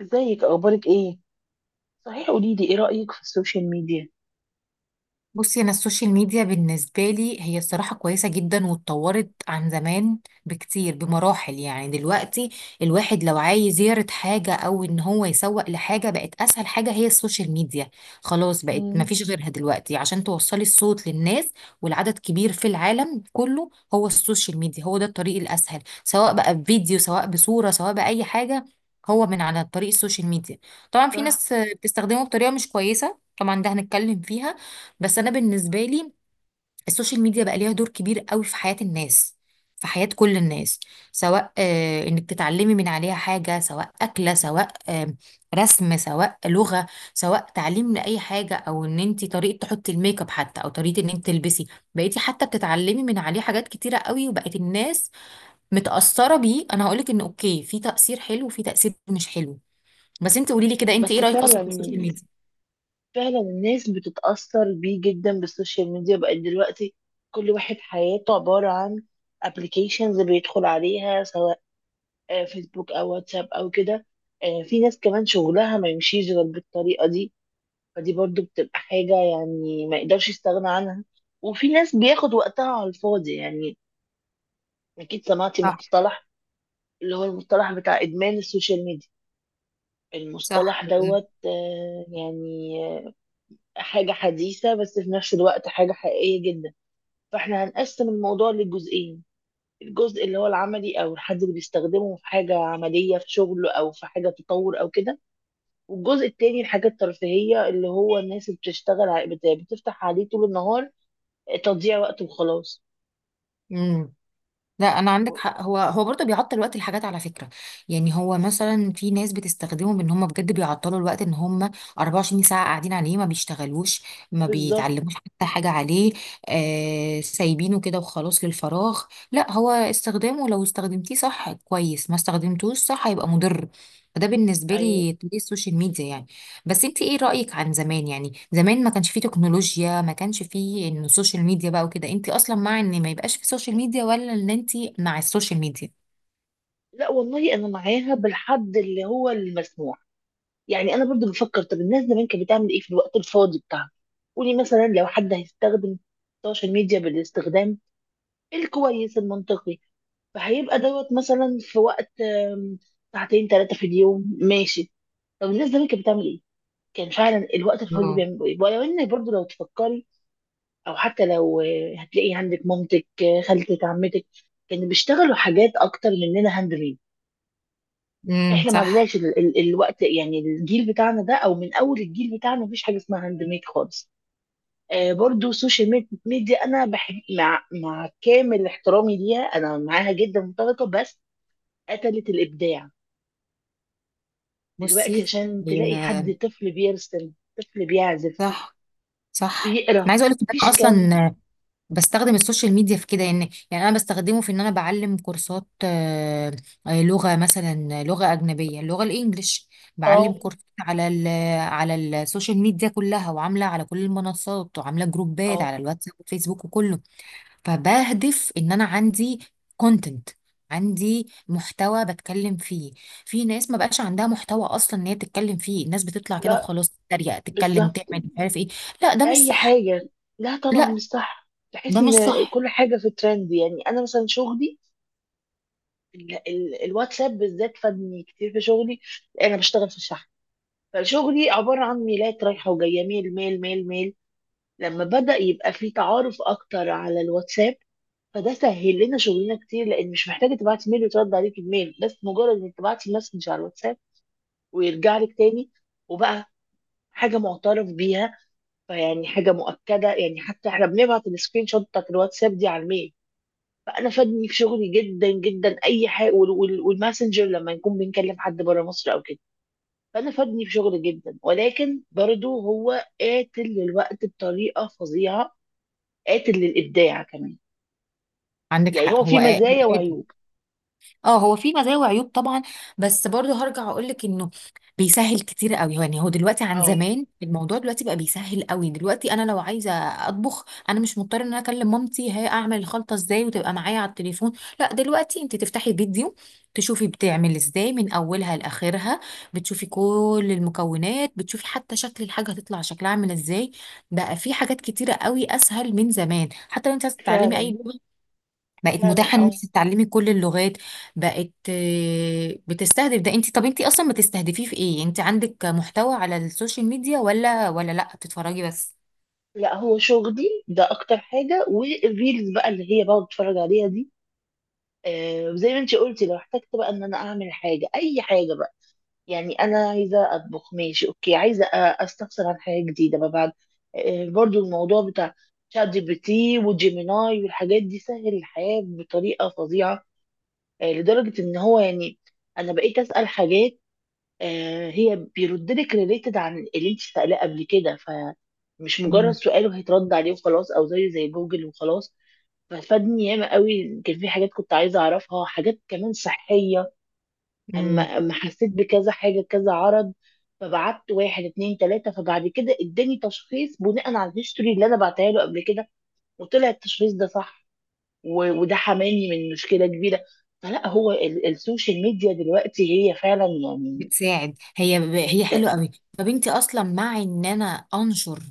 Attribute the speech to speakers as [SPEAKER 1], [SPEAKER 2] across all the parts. [SPEAKER 1] ازيك؟ اخبارك ايه؟ صحيح، قولي لي ايه رأيك في السوشيال ميديا؟
[SPEAKER 2] بصي، انا السوشيال ميديا بالنسبه لي هي الصراحه كويسه جدا، واتطورت عن زمان بكتير، بمراحل. يعني دلوقتي الواحد لو عايز يعرض حاجه او ان هو يسوق لحاجه، بقت اسهل حاجه هي السوشيال ميديا. خلاص، بقت
[SPEAKER 1] امم.
[SPEAKER 2] مفيش غيرها دلوقتي عشان توصلي الصوت للناس. والعدد كبير في العالم كله، هو السوشيال ميديا هو ده الطريق الاسهل، سواء بقى بفيديو سواء بصوره سواء باي حاجه، هو من على طريق السوشيال ميديا. طبعا في
[SPEAKER 1] صح.
[SPEAKER 2] ناس بتستخدمه بطريقه مش كويسه، طبعا ده هنتكلم فيها. بس انا بالنسبه لي السوشيال ميديا بقى ليها دور كبير قوي في حياه الناس، في حياه كل الناس. سواء انك تتعلمي من عليها حاجه، سواء اكله، سواء رسم، سواء لغه، سواء تعليم لاي حاجه، او ان انت طريقه تحطي الميك اب، حتى او طريقه ان انت تلبسي، بقيتي حتى بتتعلمي من عليه حاجات كتيره قوي، وبقت الناس متاثره بيه. انا هقولك ان اوكي، في تاثير حلو وفي تاثير مش حلو. بس انت قولي لي كده، انت ايه
[SPEAKER 1] بس
[SPEAKER 2] رايك اصلا
[SPEAKER 1] فعلا،
[SPEAKER 2] في السوشيال ميديا؟
[SPEAKER 1] فعلا الناس بتتأثر بيه جدا بالسوشيال ميديا بقى دلوقتي. كل واحد حياته عبارة عن ابلكيشنز بيدخل عليها، سواء فيسبوك او واتساب او كده. في ناس كمان شغلها ما يمشيش غير بالطريقة دي. فدي برضو بتبقى حاجة يعني ما يقدرش يستغنى عنها. وفي ناس بياخد وقتها على الفاضي يعني. اكيد سمعتي
[SPEAKER 2] صح.
[SPEAKER 1] مصطلح اللي هو المصطلح بتاع ادمان السوشيال ميديا.
[SPEAKER 2] صح.
[SPEAKER 1] المصطلح دوت، يعني، آه، حاجة حديثة، بس في نفس الوقت حاجة حقيقية جدا. فاحنا هنقسم الموضوع لجزئين: الجزء اللي هو العملي او الحد اللي بيستخدمه في حاجة عملية في شغله او في حاجة تطور او كده، والجزء التاني الحاجة الترفيهية اللي هو الناس اللي بتشتغل بتفتح عليه طول النهار. تضييع وقت وخلاص.
[SPEAKER 2] لا، انا عندك حق، هو برضه بيعطل وقت الحاجات على فكره. يعني هو مثلا في ناس بتستخدمهم ان هم بجد بيعطلوا الوقت، ان هم 24 ساعه قاعدين عليه، ما بيشتغلوش، ما
[SPEAKER 1] بالظبط.
[SPEAKER 2] بيتعلموش حتى حاجه عليه. سايبينه كده وخلاص للفراغ. لا، هو استخدامه لو استخدمتيه صح كويس، ما استخدمتوش صح هيبقى مضر. فده بالنسبه
[SPEAKER 1] ايوه.
[SPEAKER 2] لي طريق السوشيال ميديا يعني. بس انت ايه رأيك عن زمان؟ يعني زمان ما كانش فيه تكنولوجيا، ما كانش فيه انه السوشيال ميديا بقى وكده، انت اصلا مع ان ما يبقاش فيه سوشيال ميديا، ولا ان انت مع السوشيال ميديا؟
[SPEAKER 1] لا والله انا معاها بالحد اللي هو المسموح. يعني انا برضو بفكر، طب الناس زمان كانت بتعمل ايه في الوقت الفاضي بتاعها؟ قولي مثلا لو حد هيستخدم السوشيال ميديا بالاستخدام الكويس المنطقي، فهيبقى دوت مثلا في وقت ساعتين ثلاثة في اليوم، ماشي. طب الناس زمان كانت بتعمل ايه؟ كان فعلا الوقت الفاضي
[SPEAKER 2] اه.
[SPEAKER 1] بيعملوا ايه؟ ولو ان برضو لو تفكري، او حتى لو هتلاقي عندك مامتك، خالتك، عمتك كانوا بيشتغلوا حاجات اكتر مننا هاند ميد.
[SPEAKER 2] امم.
[SPEAKER 1] احنا ما
[SPEAKER 2] صح.
[SPEAKER 1] عندناش ال ال الوقت، يعني الجيل بتاعنا ده او من اول الجيل بتاعنا مفيش حاجه اسمها هاند ميد خالص. برضو السوشيال ميديا انا بحب، مع كامل احترامي ليها انا معاها جدا متفقه، بس قتلت الابداع. دلوقتي
[SPEAKER 2] بصي،
[SPEAKER 1] عشان
[SPEAKER 2] هي.
[SPEAKER 1] تلاقي حد طفل بيرسم، طفل بيعزف،
[SPEAKER 2] صح. صح، انا
[SPEAKER 1] بيقرا،
[SPEAKER 2] عايزه اقول لك ان انا
[SPEAKER 1] مفيش كام.
[SPEAKER 2] اصلا بستخدم السوشيال ميديا في كده. يعني انا بستخدمه في ان انا بعلم كورسات، لغه مثلا، لغه اجنبيه، اللغه الانجليش. بعلم
[SPEAKER 1] اه.
[SPEAKER 2] كورسات على السوشيال ميديا كلها، وعامله على كل المنصات، وعامله جروبات
[SPEAKER 1] اه.
[SPEAKER 2] على الواتساب والفيسبوك وكله. فبهدف ان انا عندي كونتنت، عندي محتوى بتكلم فيه. في ناس ما بقاش عندها محتوى اصلا ان هي تتكلم فيه. الناس بتطلع كده
[SPEAKER 1] لا.
[SPEAKER 2] وخلاص تتريق، تتكلم،
[SPEAKER 1] بالظبط.
[SPEAKER 2] تعمل مش عارف ايه. لا، ده مش
[SPEAKER 1] اي
[SPEAKER 2] صح.
[SPEAKER 1] حاجه. لا طبعا
[SPEAKER 2] لا،
[SPEAKER 1] مش صح، بحس
[SPEAKER 2] ده مش
[SPEAKER 1] ان
[SPEAKER 2] صح.
[SPEAKER 1] كل حاجه في ترند. يعني انا مثلا شغلي، الواتساب بالذات فادني كتير في شغلي. انا بشتغل في الشحن، فشغلي عباره عن ميلات رايحه وجايه، ميل ميل ميل ميل. لما بدا يبقى في تعارف اكتر على الواتساب، فده سهل لنا شغلنا كتير، لان مش محتاجه تبعتي ميل وترد عليك بميل، بس مجرد انك تبعتي مسج على الواتساب ويرجع لك تاني. وبقى حاجه معترف بيها، فيعني حاجه مؤكده، يعني حتى احنا بنبعت السكرين شوت بتاعت الواتساب دي على الميل. فانا فادني في شغلي جدا جدا اي حاجه، والماسنجر لما نكون بنكلم حد بره مصر او كده، فانا فادني في شغلي جدا. ولكن برضه هو قاتل للوقت بطريقه فظيعه، قاتل للابداع كمان.
[SPEAKER 2] عندك
[SPEAKER 1] يعني
[SPEAKER 2] حق،
[SPEAKER 1] هو في
[SPEAKER 2] هو
[SPEAKER 1] مزايا
[SPEAKER 2] آدم.
[SPEAKER 1] وعيوب.
[SPEAKER 2] اه، هو في مزايا وعيوب طبعا. بس برضه هرجع اقول لك انه بيسهل كتير قوي. يعني هو دلوقتي عن
[SPEAKER 1] اه.
[SPEAKER 2] زمان الموضوع، دلوقتي بقى بيسهل قوي. دلوقتي انا لو عايزه اطبخ، انا مش مضطره ان انا اكلم مامتي هي اعمل الخلطه ازاي، وتبقى معايا على التليفون. لا، دلوقتي انت تفتحي فيديو، تشوفي بتعمل ازاي من اولها لاخرها، بتشوفي كل المكونات، بتشوفي حتى شكل الحاجه هتطلع شكلها عامل ازاي. بقى في حاجات كتيره قوي اسهل من زمان. حتى لو انت عايزه تتعلمي اي
[SPEAKER 1] فعلا.
[SPEAKER 2] لغه، بقت
[SPEAKER 1] فعلا.
[SPEAKER 2] متاحه ان
[SPEAKER 1] اه.
[SPEAKER 2] انت تتعلمي كل اللغات. بقت بتستهدف. ده انت، طب انت اصلا بتستهدفيه في ايه؟ انت عندك محتوى على السوشيال ميديا، ولا لا بتتفرجي بس؟
[SPEAKER 1] لا هو شغلي ده اكتر حاجه، والريلز بقى اللي هي بقعد اتفرج عليها دي. آه، زي ما انت قلتي لو احتجت بقى ان انا اعمل حاجه، اي حاجه. يعني انا عايزه اطبخ، ماشي، اوكي. عايزه استفسر عن حاجه جديده بقى بعد. برضو الموضوع بتاع شات جي بي تي وجيميناي والحاجات دي سهل الحياه بطريقه فظيعه. لدرجه ان هو يعني انا بقيت اسال حاجات، هي بيرد لك ريليتد عن اللي انت سالاه قبل كده. فمش مجرد
[SPEAKER 2] مم.
[SPEAKER 1] سؤال وهيترد عليه وخلاص، او زيه زي جوجل وخلاص. ففادني ياما قوي. كان في حاجات كنت عايزه اعرفها، حاجات كمان صحيه. اما
[SPEAKER 2] مم.
[SPEAKER 1] اما حسيت بكذا حاجه كذا عرض، فبعت واحد اتنين تلاته، فبعد كده اداني تشخيص بناء على الهيستوري اللي انا بعتها له قبل كده، وطلع التشخيص ده صح. وده حماني من مشكله كبيره. فلا هو السوشيال ميديا دلوقتي هي فعلا يعني
[SPEAKER 2] بتساعد هي. هي حلوه
[SPEAKER 1] جدا.
[SPEAKER 2] قوي. طب انت اصلا مع ان انا انشر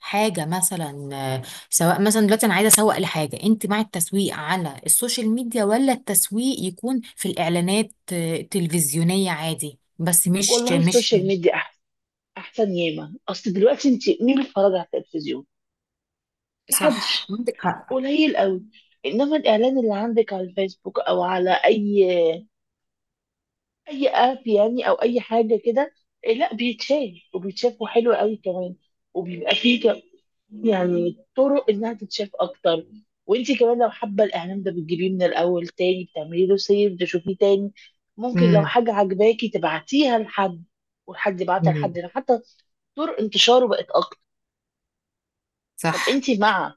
[SPEAKER 2] حاجه مثلا، سواء مثلا دلوقتي انا عايزه اسوق لحاجه، انت مع التسويق على السوشيال ميديا، ولا التسويق يكون في الاعلانات، التلفزيونيه عادي، بس مش
[SPEAKER 1] والله
[SPEAKER 2] مش
[SPEAKER 1] السوشيال ميديا احسن، احسن ياما. اصل دلوقتي انت مين بيتفرج على التلفزيون؟
[SPEAKER 2] صح،
[SPEAKER 1] محدش،
[SPEAKER 2] عندك حق.
[SPEAKER 1] قليل قوي. انما الاعلان اللي عندك على الفيسبوك او على اي اي اب يعني، او اي حاجه كده، إيه، لا، بيتشاف وبيتشاف وحلو قوي كمان. وبيبقى فيه يعني طرق انها تتشاف اكتر. وانتي كمان لو حابه الاعلان ده بتجيبيه من الاول تاني، بتعملي له سيف تشوفيه تاني. ممكن لو
[SPEAKER 2] امم.
[SPEAKER 1] حاجه عجباكي تبعتيها لحد، والحد يبعتها لحد،
[SPEAKER 2] أمم.
[SPEAKER 1] ده حتى طرق انتشاره بقت اكتر. طب
[SPEAKER 2] صح.
[SPEAKER 1] انتي مع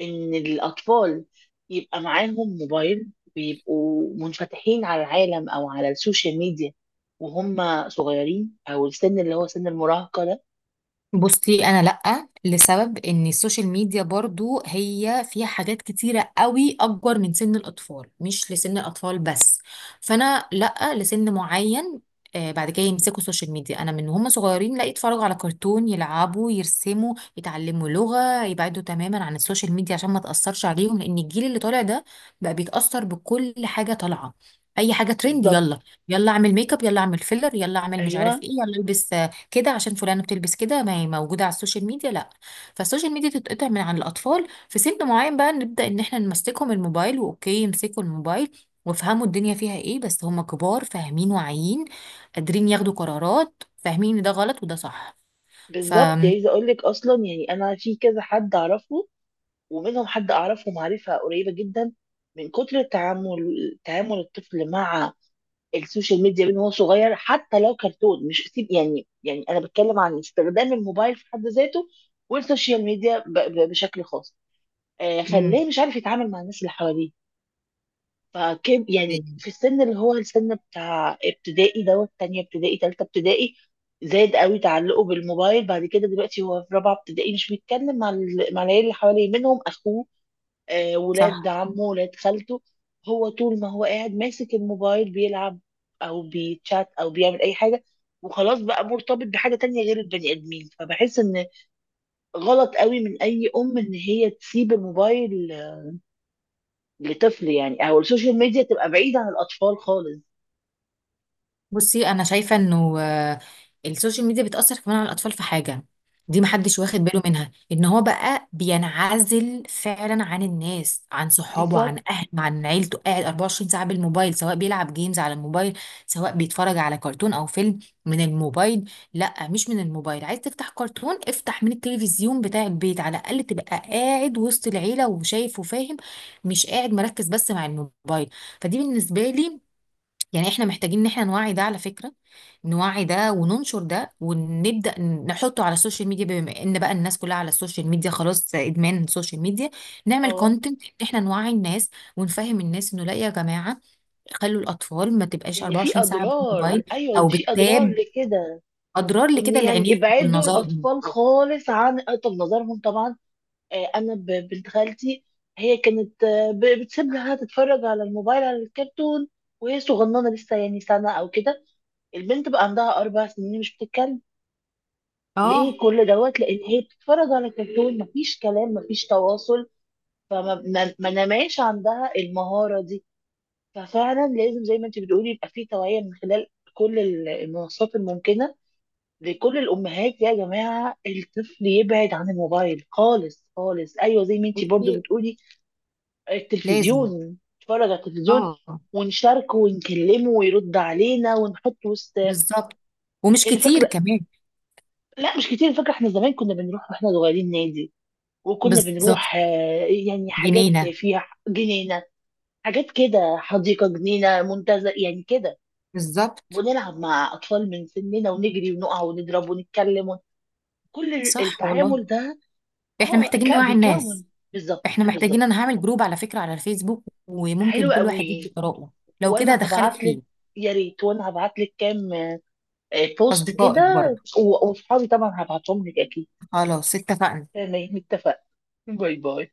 [SPEAKER 1] ان الاطفال يبقى معاهم موبايل ويبقوا منفتحين على العالم او على السوشيال ميديا وهم صغيرين، او السن اللي هو سن المراهقه ده؟
[SPEAKER 2] بصي، انا لأ، لسبب ان السوشيال ميديا برضو هي فيها حاجات كتيرة قوي اكبر من سن الاطفال، مش لسن الاطفال بس. فانا لأ، لسن معين بعد كده يمسكوا السوشيال ميديا. انا من هم صغيرين، لا، يتفرجوا على كرتون، يلعبوا، يرسموا، يتعلموا لغة، يبعدوا تماما عن السوشيال ميديا عشان ما تأثرش عليهم. لان الجيل اللي طالع ده بقى بيتأثر بكل حاجة طالعة. اي حاجة ترند،
[SPEAKER 1] بالظبط.
[SPEAKER 2] يلا يلا اعمل ميك اب، يلا اعمل فيلر، يلا اعمل مش
[SPEAKER 1] ايوه.
[SPEAKER 2] عارف ايه، يلا البس كده عشان فلانة بتلبس كده، ما هي موجودة على السوشيال ميديا. لا، فالسوشيال ميديا تتقطع من عن الأطفال. في سن معين بقى نبدأ إن احنا نمسكهم الموبايل، وأوكي يمسكوا الموبايل وافهموا الدنيا فيها ايه، بس هم كبار، فاهمين، واعيين، قادرين ياخدوا قرارات، فاهمين ان ده غلط وده صح. ف
[SPEAKER 1] بالظبط. يعني عايزه اقول لك اصلا، يعني انا في كذا حد اعرفه، ومنهم حد اعرفه معرفه قريبه جدا. من كتر التعامل، تعامل الطفل مع السوشيال ميديا من هو صغير، حتى لو كرتون مش سيب. يعني انا بتكلم عن استخدام الموبايل في حد ذاته والسوشيال ميديا بشكل خاص،
[SPEAKER 2] مم.
[SPEAKER 1] خلاه مش عارف يتعامل مع الناس اللي حواليه. فكب يعني
[SPEAKER 2] أيوة.
[SPEAKER 1] في السن اللي هو السن بتاع ابتدائي، دوت تانية ابتدائي، تالتة ابتدائي، زاد قوي تعلقه بالموبايل. بعد كده دلوقتي هو في رابعة ابتدائي، مش بيتكلم مع مع العيال اللي حواليه، منهم أخوه، ولاد
[SPEAKER 2] صح.
[SPEAKER 1] عمه، ولاد خالته. هو طول ما هو قاعد ماسك الموبايل بيلعب أو بيتشات أو بيعمل أي حاجة، وخلاص بقى مرتبط بحاجة تانية غير البني آدمين. فبحس إن غلط قوي من أي أم إن هي تسيب الموبايل لطفل، يعني او السوشيال ميديا تبقى بعيدة عن الاطفال خالص.
[SPEAKER 2] بصي، انا شايفه انه السوشيال ميديا بتاثر كمان على الاطفال في حاجه دي
[SPEAKER 1] مم.
[SPEAKER 2] محدش واخد باله منها، ان هو بقى بينعزل فعلا عن الناس، عن صحابه، عن
[SPEAKER 1] بالظبط.
[SPEAKER 2] اهله، عن عيلته، قاعد 24 ساعه بالموبايل، سواء بيلعب جيمز على الموبايل، سواء بيتفرج على كرتون او فيلم من الموبايل. لا، مش من الموبايل، عايز تفتح كرتون افتح من التلفزيون بتاع البيت، على الاقل تبقى قاعد وسط العيله وشايف وفاهم، مش قاعد مركز بس مع الموبايل. فدي بالنسبه لي يعني، احنا محتاجين ان احنا نوعي ده على فكرة، نوعي ده وننشر ده، ونبدأ نحطه على السوشيال ميديا، بما ان بقى الناس كلها على السوشيال ميديا، خلاص ادمان السوشيال ميديا. نعمل
[SPEAKER 1] اه،
[SPEAKER 2] كونتنت احنا نوعي الناس، ونفهم الناس انه لا يا جماعة، خلوا الاطفال ما تبقاش
[SPEAKER 1] ان في
[SPEAKER 2] 24 ساعة
[SPEAKER 1] اضرار.
[SPEAKER 2] بالموبايل
[SPEAKER 1] ايوه، إن
[SPEAKER 2] او
[SPEAKER 1] في اضرار
[SPEAKER 2] بالتاب،
[SPEAKER 1] لكده.
[SPEAKER 2] اضرار
[SPEAKER 1] وان
[SPEAKER 2] لكده
[SPEAKER 1] يعني
[SPEAKER 2] لعينيهم
[SPEAKER 1] ابعدوا
[SPEAKER 2] ولنظرهم.
[SPEAKER 1] الاطفال خالص عن طب نظرهم طبعا. انا بنت خالتي، هي كانت، بتسيب لها تتفرج على الموبايل على الكرتون وهي صغننه لسه، يعني سنه او كده. البنت بقى عندها 4 سنين مش بتتكلم. ليه؟
[SPEAKER 2] اه.
[SPEAKER 1] كل دوت لان هي بتتفرج على الكرتون، مفيش كلام، مفيش تواصل، فما ما ما نماش عندها المهارة دي. ففعلا لازم زي ما انت بتقولي يبقى في توعية من خلال كل المنصات الممكنة لكل الأمهات، يا جماعة الطفل يبعد عن الموبايل خالص خالص. أيوة، زي ما انت برضو
[SPEAKER 2] بصي،
[SPEAKER 1] بتقولي
[SPEAKER 2] لازم.
[SPEAKER 1] التلفزيون، نتفرج على التلفزيون
[SPEAKER 2] اه.
[SPEAKER 1] ونشاركه ونكلمه ويرد علينا ونحط وسط.
[SPEAKER 2] بالظبط. ومش
[SPEAKER 1] يعني
[SPEAKER 2] كتير
[SPEAKER 1] فاكرة،
[SPEAKER 2] كمان.
[SPEAKER 1] لا مش كتير. فاكرة احنا زمان كنا بنروح واحنا صغيرين نادي، وكنا
[SPEAKER 2] بالظبط.
[SPEAKER 1] بنروح يعني حاجات
[SPEAKER 2] جنينة.
[SPEAKER 1] فيها جنينة، حاجات كده، حديقة، جنينة، منتزه، يعني كده.
[SPEAKER 2] بالظبط.
[SPEAKER 1] ونلعب مع أطفال من سننا، ونجري ونقع ونضرب ونتكلم كل
[SPEAKER 2] صح والله.
[SPEAKER 1] التعامل ده.
[SPEAKER 2] احنا
[SPEAKER 1] اه،
[SPEAKER 2] محتاجين نوعي الناس،
[SPEAKER 1] بيكون. بالظبط،
[SPEAKER 2] احنا محتاجين،
[SPEAKER 1] بالظبط.
[SPEAKER 2] انا هعمل جروب على فكرة على الفيسبوك، وممكن
[SPEAKER 1] حلو
[SPEAKER 2] كل واحد
[SPEAKER 1] قوي.
[SPEAKER 2] يدي آراءه. لو كده
[SPEAKER 1] وانا
[SPEAKER 2] هدخلك
[SPEAKER 1] هبعت لك.
[SPEAKER 2] فيه.
[SPEAKER 1] يا ريت، وانا هبعت لك كام بوست كده.
[SPEAKER 2] اصدقائك برضو.
[SPEAKER 1] وصحابي طبعا هبعتهم لك اكيد.
[SPEAKER 2] خلاص، اتفقنا.
[SPEAKER 1] تمام، اتفقنا. باي باي.